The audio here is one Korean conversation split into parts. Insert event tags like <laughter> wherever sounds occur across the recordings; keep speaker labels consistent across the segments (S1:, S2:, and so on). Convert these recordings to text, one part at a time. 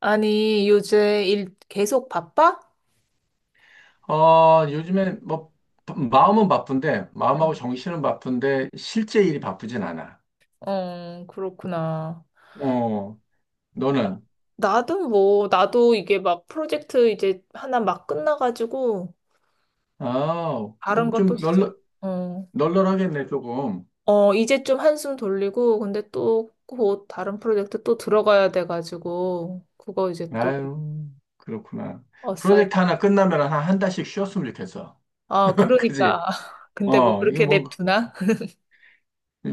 S1: 아니, 요새 일 계속 바빠?
S2: 어, 요즘에 뭐 마음은 바쁜데 마음하고
S1: 응.
S2: 정신은 바쁜데 실제 일이 바쁘진 않아.
S1: 어, 그렇구나.
S2: 어, 너는?
S1: 나도 뭐, 나도 이게 막 프로젝트 이제 하나 막 끝나가지고,
S2: 아,
S1: 다른 것도
S2: 좀
S1: 시작. 어,
S2: 널널하겠네 조금.
S1: 어, 이제 좀 한숨 돌리고, 근데 또 곧 다른 프로젝트 또 들어가야 돼가지고, 그거 이제 또,
S2: 아유, 그렇구나.
S1: 어싸이.
S2: 프로젝트 하나 끝나면 한 한 달씩 쉬었으면 좋겠어.
S1: 아,
S2: <laughs>
S1: 그러니까.
S2: 그지?
S1: <laughs> 근데 뭐
S2: 어, 이거
S1: 그렇게
S2: 뭐
S1: 냅두나?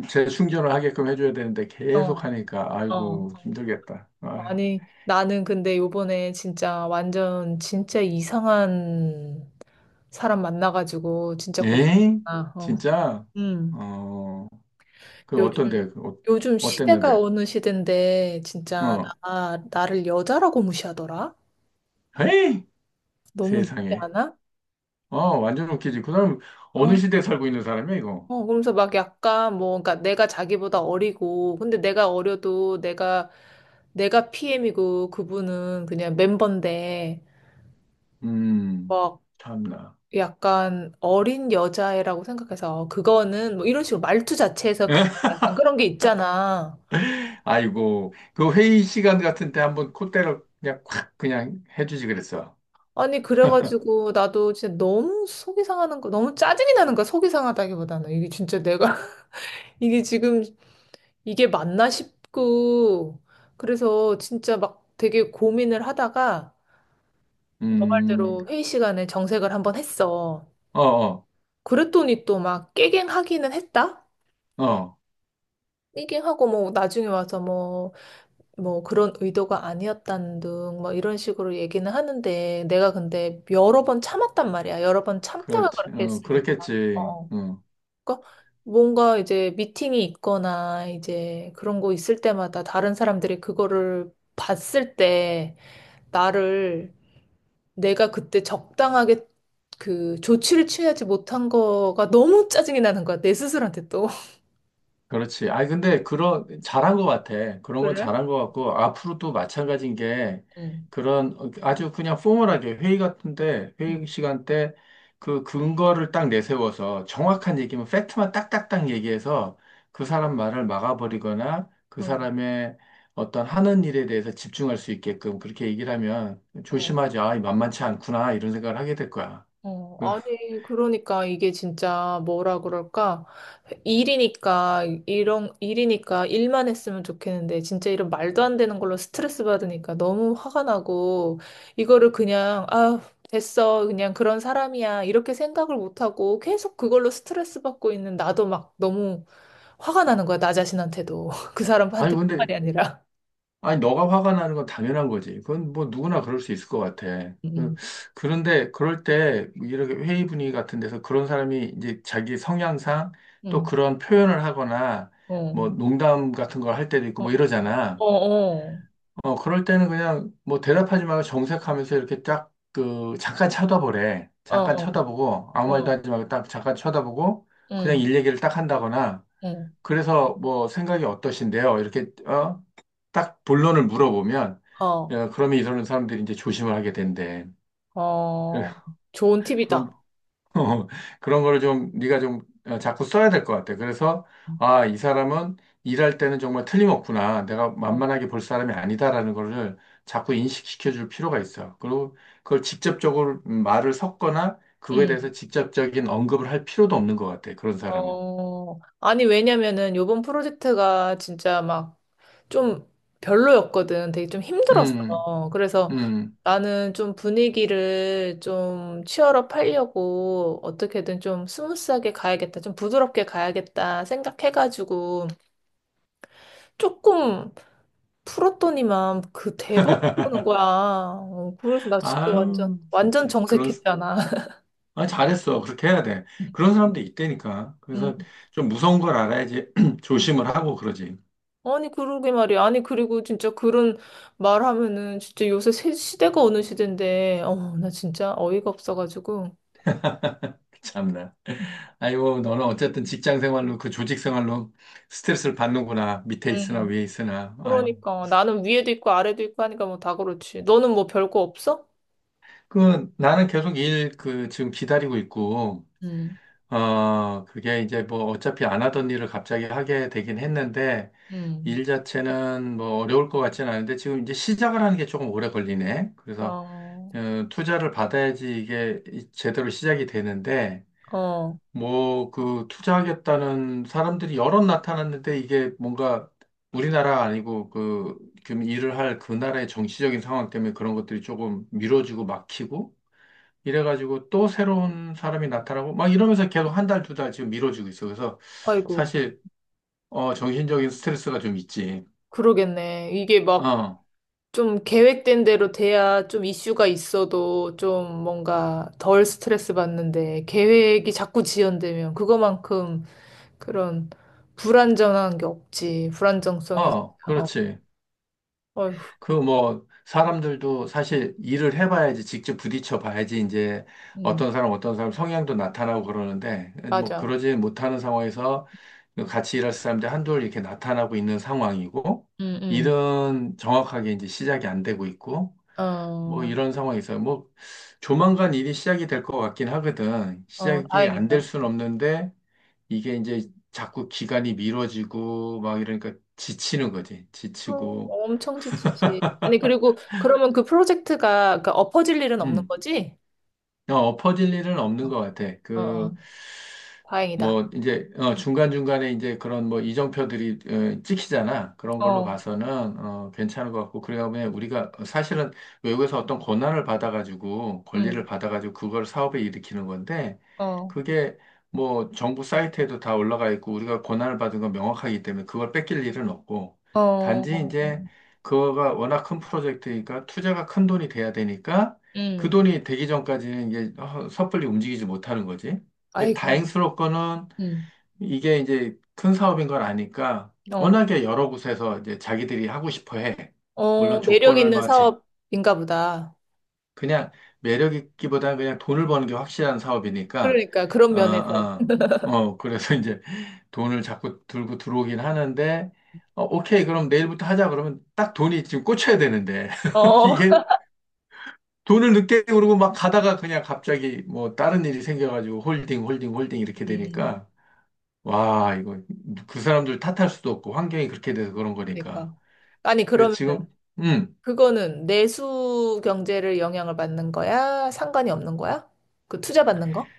S2: 재충전을 하게끔 해줘야 되는데 계속
S1: 어,
S2: 하니까
S1: 어.
S2: 아이고 힘들겠다. 아,
S1: 아니, 나는 근데 요번에 진짜 완전, 진짜 이상한 사람 만나가지고 진짜
S2: 에이,
S1: 고생했구나. 어.
S2: 진짜?
S1: 음.
S2: 어, 그
S1: 요즘
S2: 어떤데? 그 어,
S1: 요즘 시대가
S2: 어땠는데?
S1: 어느 시대인데 진짜
S2: 어,
S1: 나 나를 여자라고 무시하더라.
S2: 에이.
S1: 너무 무시
S2: 세상에.
S1: 않아?
S2: 어, 완전 웃기지. 그 사람 어느
S1: 어.
S2: 시대에 살고 있는 사람이야, 이거.
S1: 어, 그러면서 막 약간 뭐 그러니까 내가 자기보다 어리고 근데 내가 어려도 내가 PM이고 그분은 그냥 멤버인데
S2: 음,
S1: 막
S2: 참나.
S1: 약간 어린 여자애라고 생각해서 그거는 뭐 이런 식으로 말투 자체에서 그
S2: <laughs>
S1: 약간 그런 게 있잖아.
S2: 아이고, 그 회의 시간 같은 때 한번 콧대를 그냥 콱 그냥 해주지 그랬어.
S1: 아니, 그래가지고 나도 진짜 너무 속이 상하는 거, 너무 짜증이 나는 거야, 속이 상하다기보다는. 이게 진짜 내가, <laughs> 이게 지금, 이게 맞나 싶고, 그래서 진짜 막 되게 고민을 하다가, 너
S2: 음,
S1: 말대로 회의 시간에 정색을 한번 했어.
S2: 어, 어,
S1: 그랬더니 또 막 깨갱하기는 했다?
S2: 어,
S1: 깨갱하고 뭐 나중에 와서 뭐, 뭐 그런 의도가 아니었다는 등 뭐 이런 식으로 얘기는 하는데, 내가 근데 여러 번 참았단 말이야. 여러 번 참다가
S2: 그렇지.
S1: 그렇게
S2: 어,
S1: 했으니까.
S2: 그렇겠지.
S1: 어.
S2: 어.
S1: 그러니까 뭔가 이제 미팅이 있거나 이제 그런 거 있을 때마다 다른 사람들이 그거를 봤을 때 나를 내가 그때 적당하게 그 조치를 취하지 못한 거가 너무 짜증이 나는 거야. 내 스스로한테 또. <laughs>
S2: 그렇지. 아니, 근데, 그런, 잘한 것 같아. 그런 건
S1: 그래?
S2: 잘한 것 같고, 앞으로도 마찬가지인 게,
S1: 응.
S2: 그런 어, 아주 그냥 포멀하게 회의 같은데, 회의
S1: 응.
S2: 시간 때 그 근거를 딱 내세워서 정확한 얘기면 팩트만 딱딱딱 얘기해서 그 사람 말을 막아버리거나 그
S1: 응.
S2: 사람의 어떤 하는 일에 대해서 집중할 수 있게끔 그렇게 얘기를 하면 조심하지. 아, 만만치 않구나. 이런 생각을 하게 될 거야.
S1: 어,
S2: 그,
S1: 아니, 그러니까 이게 진짜 뭐라 그럴까? 일이니까, 이런, 일이니까 일만 했으면 좋겠는데, 진짜 이런 말도 안 되는 걸로 스트레스 받으니까 너무 화가 나고, 이거를 그냥, 아, 됐어. 그냥 그런 사람이야. 이렇게 생각을 못하고 계속 그걸로 스트레스 받고 있는 나도 막 너무 화가 나는 거야. 나 자신한테도. <laughs> 그
S2: 아니,
S1: 사람한테
S2: 근데
S1: 뿐만이 아니라.
S2: 아니, 너가 화가 나는 건 당연한 거지. 그건 뭐 누구나 그럴 수 있을 것 같아.
S1: 응.
S2: 그런데 그럴 때 이렇게 회의 분위기 같은 데서 그런 사람이 이제 자기 성향상 또
S1: 응.
S2: 그런 표현을 하거나
S1: 어,
S2: 뭐 농담 같은 걸 할 때도 있고
S1: 어,
S2: 뭐
S1: 어,
S2: 이러잖아.
S1: 어,
S2: 어, 그럴 때는 그냥 뭐 대답하지 말고 정색하면서 이렇게 딱 그 잠깐 쳐다보래.
S1: 어,
S2: 잠깐
S1: 어,
S2: 쳐다보고 아무 말도
S1: 어.
S2: 하지 말고 딱 잠깐 쳐다보고 그냥
S1: 응.
S2: 일 얘기를 딱 한다거나
S1: 응.
S2: 그래서 뭐 생각이 어떠신데요? 이렇게 어? 딱 본론을 물어보면
S1: 어.
S2: 어, 그러면 이러는 사람들이 이제 조심을 하게 된대. 그-
S1: 어, 좋은
S2: 그럼
S1: 팁이다.
S2: <laughs> 그런 거를 좀 네가 좀 어, 자꾸 써야 될 것 같아. 그래서 아, 이 사람은 일할 때는 정말 틀림없구나. 내가
S1: 어.
S2: 만만하게 볼 사람이 아니다라는 거를 자꾸 인식시켜 줄 필요가 있어. 그리고 그걸 직접적으로 말을 섞거나 그거에 대해서
S1: 음.
S2: 직접적인 언급을 할 필요도 없는 것 같아. 그런 사람은.
S1: 어, 아니, 왜냐면은 요번 프로젝트가 진짜 막 좀 별로였거든. 되게 좀 힘들었어.
S2: 음.
S1: 그래서
S2: 음.
S1: 나는 좀 분위기를 좀 치열업 하려고 어떻게든 좀 스무스하게 가야겠다. 좀 부드럽게 가야겠다 생각해가지고 조금 풀었더니만 그 대박 그러는 거야. 어, 그래서 나 진짜 완전,
S2: 아유,
S1: 완전
S2: 진짜. 그런,
S1: 정색했잖아.
S2: 아, 잘했어. 그렇게 해야 돼.
S1: <laughs>
S2: 그런 사람도 있다니까. 그래서
S1: 음.
S2: 좀 무서운 걸 알아야지 <clears throat> 조심을 하고 그러지.
S1: 아니, 그러게 말이야. 아니, 그리고 진짜 그런 말 하면은 진짜 요새 새 시대가 어느 시대인데, 어, 나 진짜 어이가 없어가지고.
S2: 참나. 아이고, 너는 어쨌든 직장 생활로, 그 조직 생활로 스트레스를 받는구나. 밑에 있으나
S1: 음.
S2: 위에 있으나. 아유.
S1: 그러니까. 나는 위에도 있고 아래도 있고 하니까 뭐 다 그렇지. 너는 뭐 별 거 없어?
S2: 그, 나는 계속 일, 그, 지금 기다리고 있고,
S1: 음.
S2: 어, 그게 이제 뭐 어차피 안 하던 일을 갑자기 하게 되긴 했는데,
S1: 음.
S2: 일 자체는 뭐 어려울 것 같지는 않은데 지금 이제 시작을 하는 게 조금 오래 걸리네. 그래서
S1: 어.
S2: 어, 투자를 받아야지 이게 제대로 시작이 되는데,
S1: 어.
S2: 뭐, 그, 투자하겠다는 사람들이 여럿 나타났는데, 이게 뭔가 우리나라 아니고, 그, 지금 일을 할 그 나라의 정치적인 상황 때문에 그런 것들이 조금 미뤄지고 막히고, 이래가지고 또 새로운 사람이 나타나고, 막 이러면서 계속 한 달, 두 달 지금 미뤄지고 있어. 그래서
S1: 아이고,
S2: 사실, 어, 정신적인 스트레스가 좀 있지.
S1: 그러겠네. 이게 막
S2: 어,
S1: 좀 계획된 대로 돼야 좀 이슈가 있어도 좀 뭔가 덜 스트레스 받는데 계획이 자꾸 지연되면 그거만큼 그런 불안정한 게 없지. 불안정성이 진짜,
S2: 어,
S1: 어,
S2: 그렇지.
S1: 어휴.
S2: 그 뭐 사람들도 사실 일을 해봐야지 직접 부딪혀 봐야지 이제
S1: 음.
S2: 어떤 사람 어떤 사람 성향도 나타나고 그러는데 뭐
S1: 맞아.
S2: 그러지 못하는 상황에서 같이 일할 사람들 한둘 이렇게 나타나고 있는 상황이고
S1: 음.
S2: 일은 정확하게 이제 시작이 안 되고 있고
S1: 음.
S2: 뭐
S1: 어,
S2: 이런 상황에서 뭐 조만간 일이 시작이 될 것 같긴 하거든.
S1: 어,
S2: 시작이 안 될
S1: 다행이다.
S2: 수는 없는데 이게 이제 자꾸 기간이 미뤄지고 막 이러니까 지치는 거지.
S1: 그럼
S2: 지치고
S1: 엄청 지치지. 아니, 그리고 그러면 그 프로젝트가 그러니까 엎어질 일은 없는
S2: 음.
S1: 거지?
S2: 어, 엎어질 일은
S1: 어,
S2: 없는 것 같아.
S1: 어,
S2: 그,
S1: 어. 다행이다.
S2: 뭐 이제 어, 중간중간에 이제 그런 뭐 이정표들이 어, 찍히잖아. 그런 걸로
S1: 어.
S2: 봐서는 어, 괜찮은 것 같고 그러다 보면 우리가 사실은 외국에서 어떤 권한을 받아가지고 권리를
S1: 음.
S2: 받아가지고 그걸 사업에 일으키는 건데
S1: 어.
S2: 그게 뭐 정부 사이트에도 다 올라가 있고 우리가 권한을 받은 건 명확하기 때문에 그걸 뺏길 일은 없고
S1: 어.
S2: 단지
S1: 어. 어.
S2: 이제 그거가 워낙 큰 프로젝트니까 투자가 큰 돈이 돼야 되니까 그
S1: 음.
S2: 돈이 되기 전까지는 이게 어, 섣불리 움직이지 못하는 거지. 이게
S1: 아이고.
S2: 다행스럽거는
S1: 음.
S2: 이게 이제 큰 사업인 걸 아니까
S1: 어.
S2: 워낙에 여러 곳에서 이제 자기들이 하고 싶어 해. 물론
S1: 어, 매력
S2: 조건을
S1: 있는
S2: 맞치
S1: 사업인가 보다.
S2: 그냥 매력 있기보다 그냥 돈을 버는 게 확실한 사업이니까
S1: 그러니까 그런
S2: 어,
S1: 면에서.
S2: 어,
S1: <laughs>
S2: 어 그래서 <laughs> 이제 돈을 자꾸 들고 들어오긴 하는데 어, 오케이 그럼 내일부터 하자 그러면 딱 돈이 지금 꽂혀야 되는데 <laughs>
S1: 어.
S2: 이게 돈을 늦게 오르고 막 가다가 그냥 갑자기 뭐 다른 일이 생겨가지고 홀딩 홀딩 홀딩 이렇게
S1: 음.
S2: 되니까 와, 이거 그 사람들 탓할 수도 없고 환경이 그렇게 돼서 그런 거니까.
S1: 그러니까. 아니,
S2: 그래서
S1: 그러면은.
S2: 지금
S1: 그거는 내수 경제를 영향을 받는 거야? 상관이 없는 거야? 그 투자 받는 거?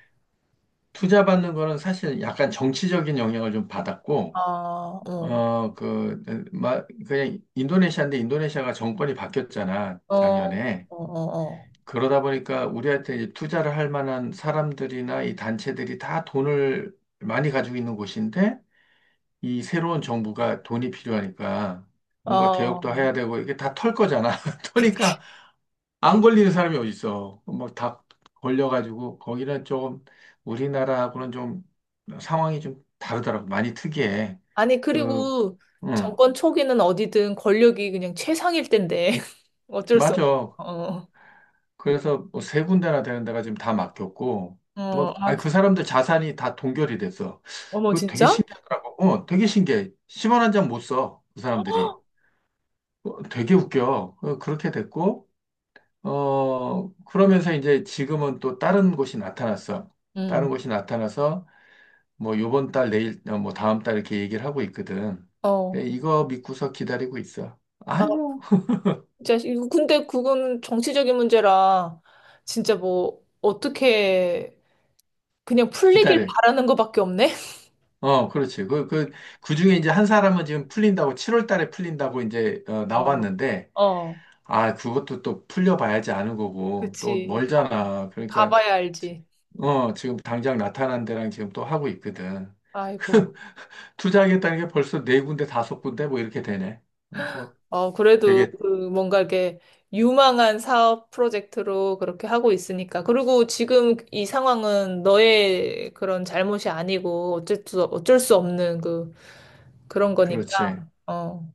S2: 투자 받는 거는 사실 약간 정치적인 영향을 좀
S1: 어,
S2: 받았고
S1: 어,
S2: 어, 그, 마, 그냥 인도네시아인데 인도네시아가 정권이 바뀌었잖아,
S1: 어,
S2: 작년에.
S1: 어, 어,
S2: 그러다 보니까 우리한테 이제 투자를 할 만한 사람들이나 이 단체들이 다 돈을 많이 가지고 있는 곳인데 이 새로운 정부가 돈이 필요하니까
S1: 어.
S2: 뭔가 개혁도
S1: 어.
S2: 해야 되고 이게 다 털 거잖아. <laughs>
S1: 그치.
S2: 터니까 안 걸리는 사람이 어딨어. 막 다 걸려가지고, 거기는 조금 우리나라하고는 좀 상황이 좀 다르더라고. 많이 특이해.
S1: 아니,
S2: 그,
S1: 그리고
S2: 응,
S1: 정권 초기는 어디든 권력이 그냥 최상일 텐데. <laughs> 어쩔 수 없어.
S2: 맞아.
S1: 어.
S2: 그래서 뭐 세 군데나 되는 데가 지금 다 맡겼고,
S1: 어.
S2: 뭐,
S1: 아휴.
S2: 아니, 그 사람들 자산이 다 동결이 됐어.
S1: 어머,
S2: 그 되게
S1: 진짜?
S2: 신기하더라고. 어, 되게 신기해. 10원 한 장 못 써. 그 사람들이. 어, 되게 웃겨. 어, 그렇게 됐고, 어, 그러면서 이제 지금은 또 다른 곳이 나타났어. 다른
S1: 응.
S2: 곳이 나타나서 뭐 요번 달 내일 어, 뭐 다음 달 이렇게 얘기를 하고 있거든.
S1: 어.
S2: 그래, 이거 믿고서 기다리고 있어.
S1: 아,
S2: 아이고
S1: 진짜, 이거 근데 그건 정치적인 문제라 진짜 뭐, 어떻게 그냥 풀리길
S2: 기다려.
S1: 바라는 것밖에 없네? <laughs>
S2: 어, 그렇지. 그, 그, 그 중에 이제 한 사람은 지금 풀린다고, 7월 달에 풀린다고 이제, 어,
S1: 어.
S2: 나왔는데,
S1: 어.
S2: 아, 그것도 또 풀려봐야지 아는 거고, 또
S1: 그치. 가봐.
S2: 멀잖아. 그러니까,
S1: 가봐야
S2: 지-
S1: 알지.
S2: 어, 지금 당장 나타난 데랑 지금 또 하고 있거든.
S1: 아이고.
S2: 투자하겠다는 게 벌써 네 군데, 다섯 군데 뭐 이렇게 되네. 뭐
S1: 어, 그래도
S2: 되게,
S1: 그 뭔가 이렇게 유망한 사업 프로젝트로 그렇게 하고 있으니까. 그리고 지금 이 상황은 너의 그런 잘못이 아니고 어쩔 수, 어쩔 수 없는 그, 그런 거니까.
S2: 그렇지.
S1: 어,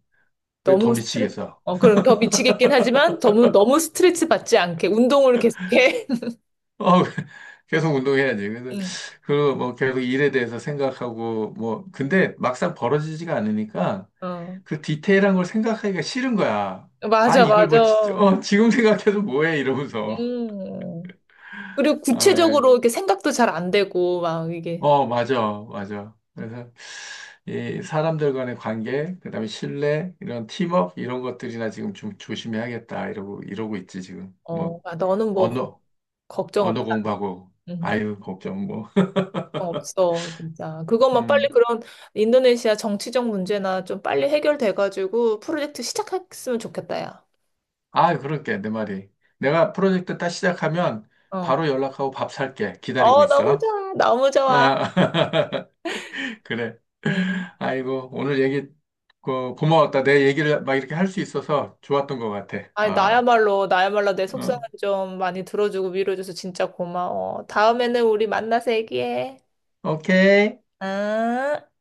S2: 그게 더
S1: 너무 스트레스,
S2: 미치겠어.
S1: 어, 그럼 더 미치겠긴 하지만 너무, 너무 스트레스 받지 않게 운동을 계속해.
S2: 어, <laughs> 계속 운동해야지.
S1: <laughs>
S2: 그래서,
S1: 응.
S2: 그, 뭐, 계속 일에 대해서 생각하고, 뭐, 근데 막상 벌어지지가 않으니까
S1: 어.
S2: 그 디테일한 걸 생각하기가 싫은 거야. 아,
S1: 맞아,
S2: 이걸 뭐,
S1: 맞아.
S2: 어, 지금 생각해도 뭐해? 이러면서.
S1: 음. 그리고
S2: 아, 예.
S1: 구체적으로 이렇게 생각도 잘 안 되고, 막 이게.
S2: 어, 맞아, 맞아. 그래서, 이 사람들 간의 관계, 그다음에 신뢰, 이런 팀워크, 이런 것들이나 지금 좀 조심해야겠다. 이러고, 이러고 있지, 지금.
S1: 어,
S2: 뭐,
S1: 아, 너는 뭐
S2: 언어,
S1: 걱정
S2: 언어
S1: 없다.
S2: 공부하고,
S1: 음.
S2: 아유, 걱정, 뭐. <laughs>
S1: 걱정 없어, 진짜. 그것만 빨리
S2: 음.
S1: 그런 인도네시아 정치적 문제나 좀 빨리 해결돼가지고 프로젝트 시작했으면 좋겠다, 야.
S2: 아, 그러니까 내 말이. 내가 프로젝트 딱 시작하면
S1: 어.
S2: 바로 연락하고 밥 살게. 기다리고
S1: 어, 너무
S2: 있어.
S1: 좋아. 너무 좋아.
S2: 아, <laughs> 그래.
S1: 음.
S2: 아이고, 오늘 얘기 고마웠다. 내 얘기를 막 이렇게 할 수 있어서 좋았던 것 같아.
S1: 아니,
S2: 아,
S1: 나야말로, 나야말로 내 속상은
S2: 어.
S1: 좀 많이 들어주고 위로해줘서 진짜 고마워. 다음에는 우리 만나서 얘기해.
S2: 오케이.
S1: 응?